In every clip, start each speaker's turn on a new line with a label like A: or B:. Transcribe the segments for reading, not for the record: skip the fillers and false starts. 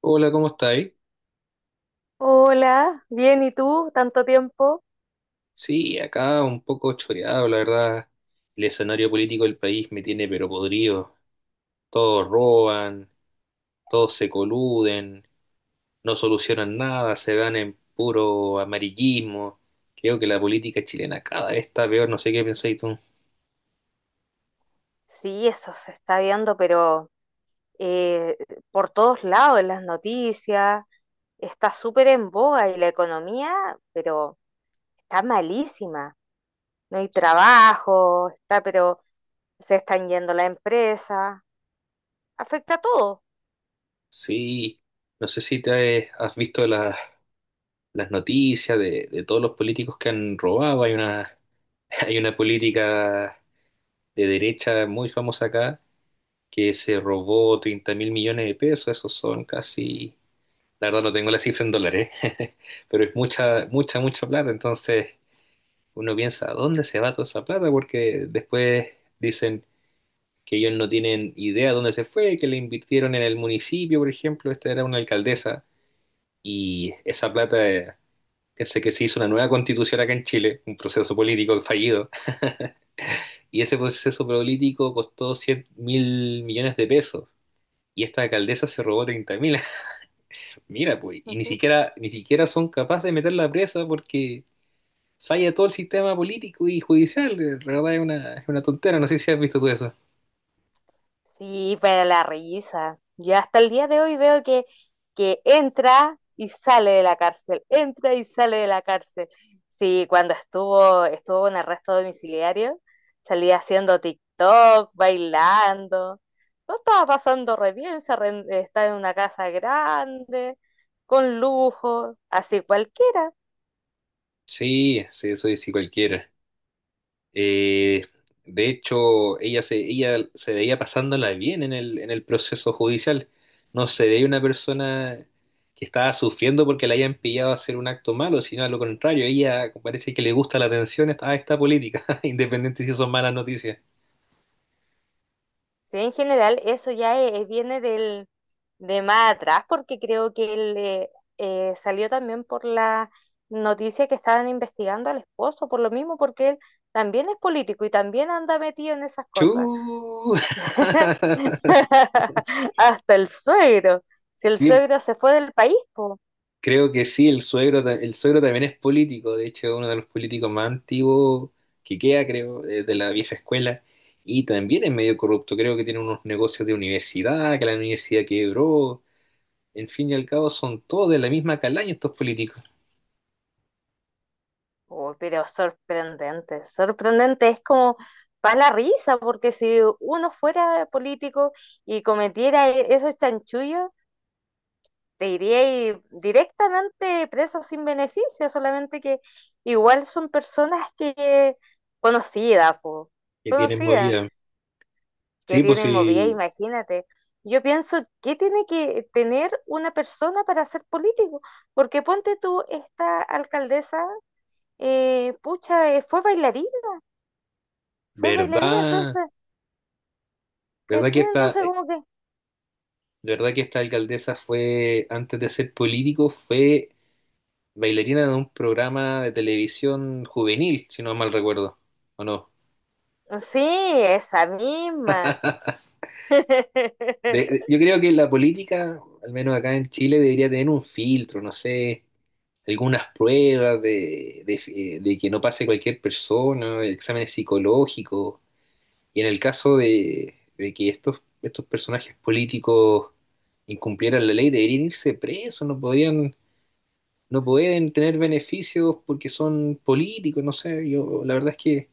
A: Hola, ¿cómo estáis?
B: Hola, bien, ¿y tú? ¿Tanto tiempo?
A: Sí, acá un poco choreado, la verdad. El escenario político del país me tiene pero podrido. Todos roban, todos se coluden, no solucionan nada, se van en puro amarillismo. Creo que la política chilena cada vez está peor, no sé qué pensáis tú.
B: Sí, eso se está viendo, pero eh, por todos lados, en las noticias, está súper en boga y la economía, pero está malísima. No hay trabajo, está, pero se están yendo la empresa, afecta a todo.
A: Sí, no sé si te has visto las noticias de todos los políticos que han robado. Hay una, hay una política de derecha muy famosa acá que se robó 30.000.000.000 de pesos, esos son casi, la verdad no tengo la cifra en dólares, pero es mucha, mucha, mucha plata, entonces uno piensa, ¿a dónde se va toda esa plata? Porque después dicen que ellos no tienen idea de dónde se fue, que le invirtieron en el municipio, por ejemplo, esta era una alcaldesa, y esa plata, pensé que se hizo una nueva constitución acá en Chile, un proceso político fallido. Y ese proceso político costó 100.000.000.000 de pesos. Y esta alcaldesa se robó 30.000. Mira, pues, y ni siquiera, ni siquiera son capaces de meterla presa porque falla todo el sistema político y judicial. De verdad es una tontera. No sé si has visto tú eso.
B: Sí, pero la risa. Yo hasta el día de hoy veo que entra y sale de la cárcel, entra y sale de la cárcel. Sí, cuando estuvo en arresto domiciliario, salía haciendo TikTok, bailando. No estaba pasando re bien, se arren- está en una casa grande, con lujo, así cualquiera.
A: Sí, sí, eso es sí cualquiera. Eh, de hecho, ella se veía pasándola bien en el proceso judicial. No se veía una persona que estaba sufriendo porque la hayan pillado a hacer un acto malo, sino a lo contrario, ella parece que le gusta la atención a esta política, independiente si son malas noticias.
B: Sí, en general eso ya viene de más atrás porque creo que él, salió también por la noticia que estaban investigando al esposo, por lo mismo porque él también es político y también anda metido en esas cosas.
A: Chu.
B: Hasta el suegro. Si el
A: Sí,
B: suegro se fue del país, pues.
A: creo que sí, el suegro, el suegro también es político, de hecho es uno de los políticos más antiguos que queda, creo, de la vieja escuela, y también es medio corrupto, creo que tiene unos negocios de universidad, que la universidad quebró, en fin y al cabo son todos de la misma calaña estos políticos
B: Uy, pero sorprendente, sorprendente, es como para la risa, porque si uno fuera político y cometiera e- esos chanchullos, te iría directamente preso sin beneficio, solamente que igual son personas que conocidas, po,
A: que tienen
B: conocidas,
A: movida.
B: que
A: Sí, pues
B: tienen movida,
A: sí,
B: imagínate. Yo pienso, ¿qué tiene que tener una persona para ser político? Porque ponte tú, esta alcaldesa, pucha, fue bailarina,
A: verdad,
B: entonces,
A: verdad que
B: ¿cachai?
A: esta,
B: Entonces
A: eh,
B: como que,
A: verdad que esta alcaldesa fue, antes de ser político, fue bailarina de un programa de televisión juvenil, si no mal recuerdo, ¿o no?
B: sí, esa misma.
A: Yo creo que la política, al menos acá en Chile, debería tener un filtro, no sé, algunas pruebas de, de que no pase cualquier persona, exámenes psicológicos. Y en el caso de que estos, estos personajes políticos incumplieran la ley, deberían irse presos, no podrían, no pueden tener beneficios porque son políticos, no sé, yo la verdad es que.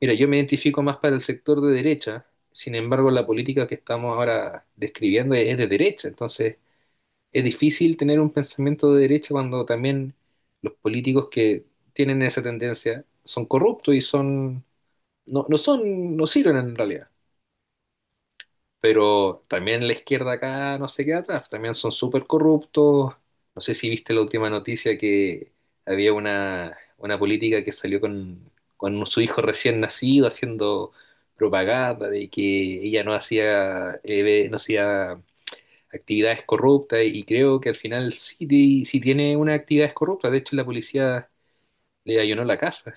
A: Mira, yo me identifico más para el sector de derecha, sin embargo, la política que estamos ahora describiendo es de derecha, entonces es difícil tener un pensamiento de derecha cuando también los políticos que tienen esa tendencia son corruptos y son no, no son no sirven en realidad. Pero también la izquierda acá no se queda atrás, también son súper corruptos. No sé si viste la última noticia que había una política que salió con su hijo recién nacido haciendo propaganda de que ella no hacía actividades corruptas y creo que al final sí, sí tiene unas actividades corruptas. De hecho, la policía le allanó la casa.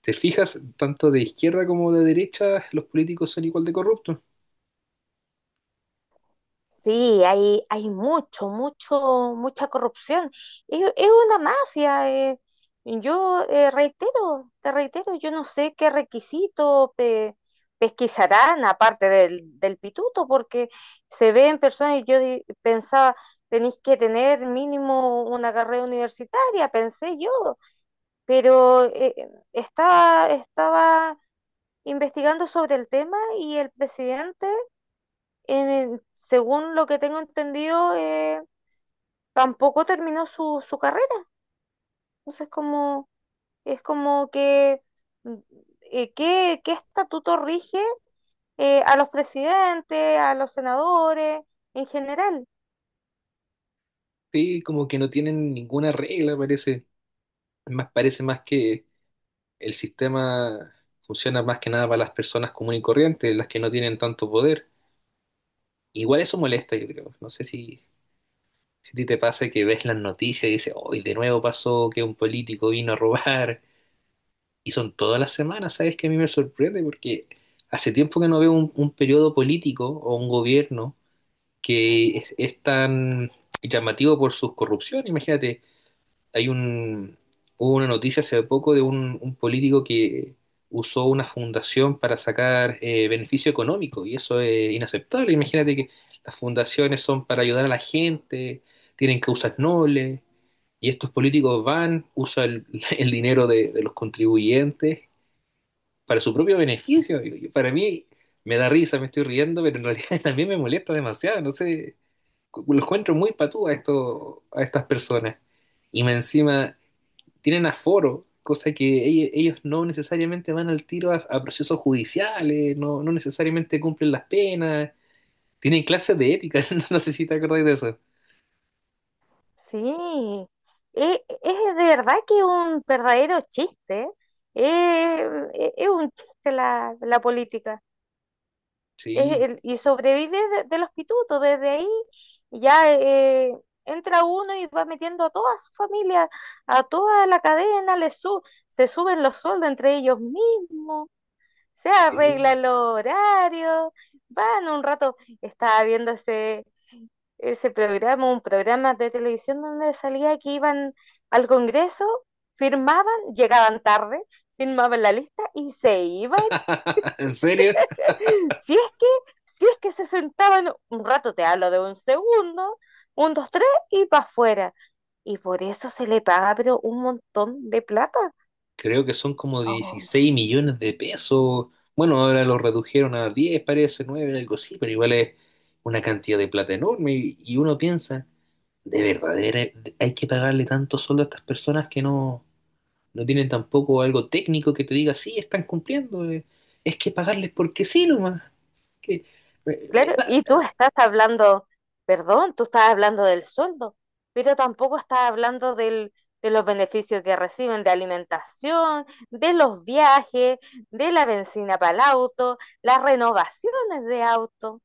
A: ¿Te fijas? Tanto de izquierda como de derecha los políticos son igual de corruptos.
B: Sí, hay mucho, mucho, mucha corrupción. Es una mafia. Yo reitero, te reitero, yo no sé qué requisito pe- pesquisarán aparte del pituto, porque se ven personas y yo di- pensaba, tenéis que tener mínimo una carrera universitaria, pensé yo, pero estaba investigando sobre el tema y el presidente en el- según lo que tengo entendido, tampoco terminó su carrera. Entonces, como, es como que, mm, ¿qué, qué estatuto rige a los presidentes, a los senadores, en general?
A: Sí, como que no tienen ninguna regla, parece. Parece más que el sistema funciona más que nada para las personas comunes y corrientes, las que no tienen tanto poder. Igual eso molesta, yo creo. No sé si, si a ti te pasa que ves las noticias y dices, hoy de nuevo pasó que un político vino a robar. Y son todas las semanas, ¿sabes? Que a mí me sorprende porque hace tiempo que no veo un periodo político o un gobierno que es tan llamativo por sus corrupción. Imagínate. hay un, Hubo una noticia hace poco de un político que usó una fundación para sacar beneficio económico y eso es inaceptable. Imagínate que las fundaciones son para ayudar a la gente, tienen causas nobles y estos políticos van, usan el, el dinero de los contribuyentes para su propio beneficio. Y para mí me da risa, me estoy riendo, pero en realidad también me molesta demasiado. No sé, lo encuentro muy patú a, esto, a estas personas. Y me encima tienen aforo, cosa que ellos no necesariamente van al tiro a procesos judiciales, no, no necesariamente cumplen las penas, tienen clases de ética, no sé si te acordáis de eso.
B: Sí, es de verdad que un verdadero chiste, es un chiste la política. Es
A: Sí,
B: el- y sobrevive de los pitutos. Desde ahí ya entra uno y va metiendo a toda su familia, a toda la cadena, le su- se suben los sueldos entre ellos mismos, se
A: sí.
B: arregla el horario, van un rato, estaba viendo ese, ese programa, un programa de televisión donde salía que iban al Congreso, firmaban, llegaban tarde, firmaban la lista y se iban.
A: ¿En serio?
B: Si es que, si es que se sentaban un rato, te hablo de un segundo, un, dos, tres y para afuera. Y por eso se le paga, pero un montón de plata.
A: Creo que son como
B: Oh,
A: 16 millones de pesos. Bueno, ahora lo redujeron a 10 parece, 9 algo así, pero igual es una cantidad de plata enorme y uno piensa, de verdad, ¿De hay que pagarle tanto sueldo a estas personas que no no tienen tampoco algo técnico que te diga, sí, están cumpliendo, es que pagarles porque sí nomás. Que, me
B: claro,
A: da.
B: y tú estás hablando, perdón, tú estás hablando del sueldo, pero tampoco estás hablando de los beneficios que reciben de alimentación, de los viajes, de la benzina para el auto, las renovaciones de auto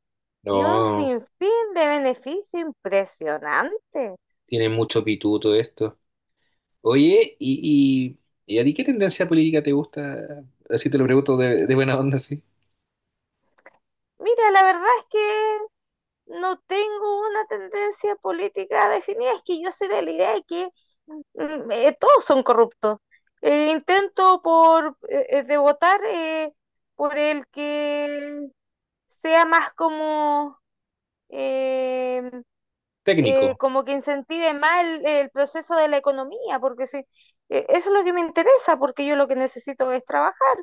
B: y un
A: No,
B: sinfín de beneficios impresionante.
A: tiene mucho pituto esto. Oye, ¿y a ti qué tendencia política te gusta? Así te lo pregunto de buena onda, sí.
B: Mira, la verdad es que no tengo una tendencia política definida, es que yo soy de la idea de que todos son corruptos. Intento por de votar por el que sea más como eh,
A: Técnico,
B: como que incentive más el proceso de la economía, porque si, eso es lo que me interesa, porque yo lo que necesito es trabajar.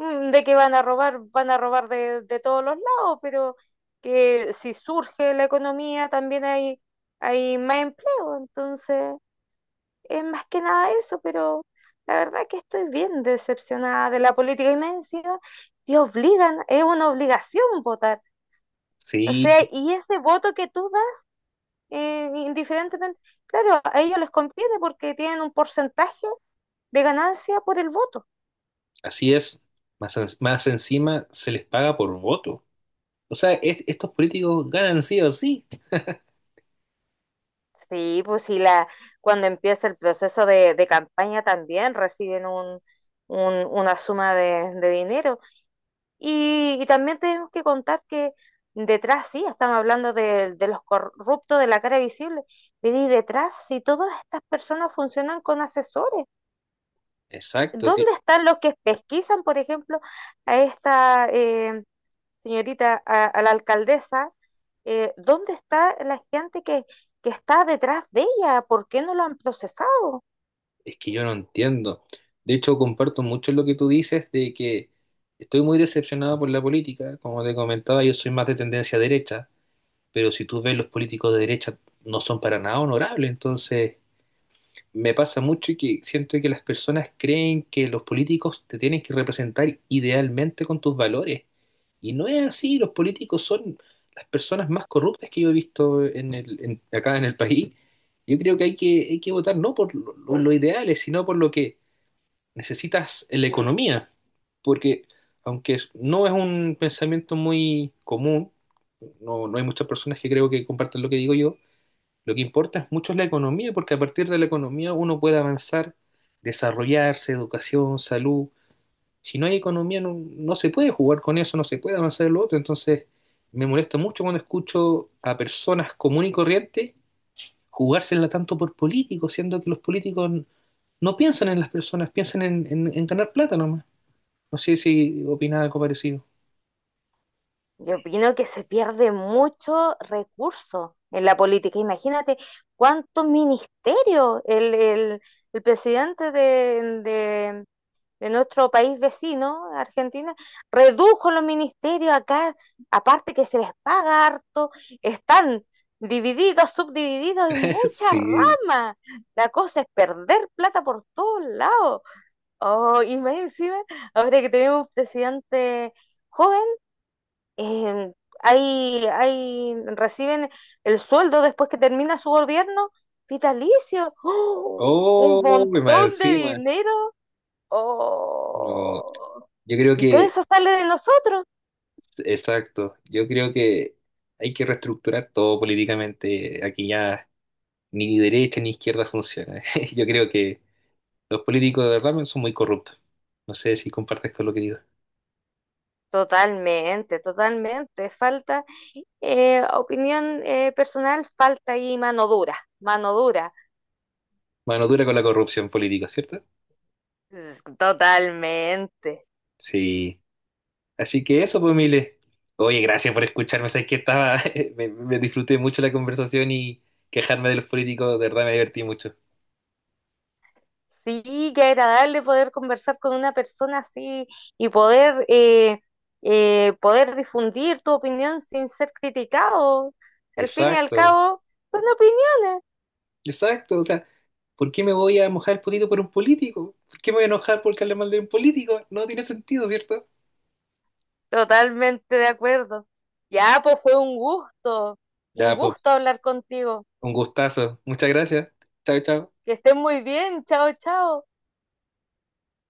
B: Mm, de que van a robar de todos los lados, pero que si surge la economía también hay más empleo, entonces es más que nada eso, pero la verdad que estoy bien decepcionada de la política y me encima te obligan, es una obligación votar, o
A: sí,
B: sea, y ese voto que tú indiferentemente, claro, a ellos les conviene porque tienen un porcentaje de ganancia por el voto.
A: así es. Más encima se les paga por voto. O sea, estos políticos ganan sí o sí.
B: Sí, pues sí, la, cuando empieza el proceso de campaña también reciben un- una suma de dinero. Y también tenemos que contar que detrás, sí, estamos hablando de los corruptos de la cara visible, pero y detrás, si todas estas personas funcionan con asesores,
A: Exacto,
B: ¿dónde están los que pesquisan, por ejemplo, a esta señorita, a la alcaldesa, ¿dónde está la gente que está detrás de ella? ¿Por qué no lo han procesado?
A: es que yo no entiendo. De hecho, comparto mucho lo que tú dices de que estoy muy decepcionado por la política. Como te comentaba, yo soy más de tendencia derecha, pero si tú ves los políticos de derecha no son para nada honorables. Entonces, me pasa mucho que siento que las personas creen que los políticos te tienen que representar idealmente con tus valores. Y no es así. Los políticos son las personas más corruptas que yo he visto en el, acá en el país. Yo creo que hay que, hay que votar no por los ideales, sino por lo que necesitas la economía, porque aunque no es un pensamiento muy común, no, no hay muchas personas que creo que compartan lo que digo yo, lo que importa es mucho la economía, porque a partir de la economía uno puede avanzar, desarrollarse, educación, salud. Si no hay economía, no, no se puede jugar con eso, no se puede avanzar en lo otro. Entonces, me molesta mucho cuando escucho a personas comunes y corrientes jugársela tanto por políticos, siendo que los políticos no piensan en las personas, piensan en ganar plata nomás. No sé si opina algo parecido.
B: Yo opino que se pierde mucho recurso en la política. Imagínate cuántos ministerios el presidente de nuestro país vecino, Argentina, redujo los ministerios acá, aparte que se les paga harto, están divididos, subdivididos en muchas
A: Sí.
B: ramas. La cosa es perder plata por todos lados. Oh, y más encima, ahora que tenemos un presidente joven, eh, ahí reciben el sueldo después que termina su gobierno vitalicio. ¡Oh! Un
A: Oh, y más
B: montón de
A: encima.
B: dinero.
A: No,
B: Oh,
A: yo creo
B: y todo
A: que,
B: eso sale de nosotros.
A: exacto, yo creo que hay que reestructurar todo políticamente. Aquí ya ni derecha ni izquierda funciona. Yo creo que los políticos de verdad son muy corruptos. No sé si compartes con lo que digo.
B: Totalmente, totalmente. Falta opinión personal, falta ahí mano dura, mano dura.
A: Mano dura con la corrupción política, ¿cierto?
B: Es- Totalmente.
A: Sí. Así que eso, pues, Mile. Oye, gracias por escucharme. Sabes que estaba, me disfruté mucho la conversación y quejarme de los políticos, de verdad me divertí mucho.
B: Sí, qué agradable poder conversar con una persona así y poder, poder difundir tu opinión sin ser criticado. Si al fin y al
A: Exacto,
B: cabo, son opiniones.
A: exacto. O sea, ¿por qué me voy a mojar el potito por un político? ¿Por qué me voy a enojar por hablar mal de un político? No tiene sentido, ¿cierto?
B: Totalmente de acuerdo. Ya, pues fue un
A: Ya, pues,
B: gusto hablar contigo.
A: un gustazo. Muchas gracias. Chao, chao.
B: Que estén muy bien. Chao, chao.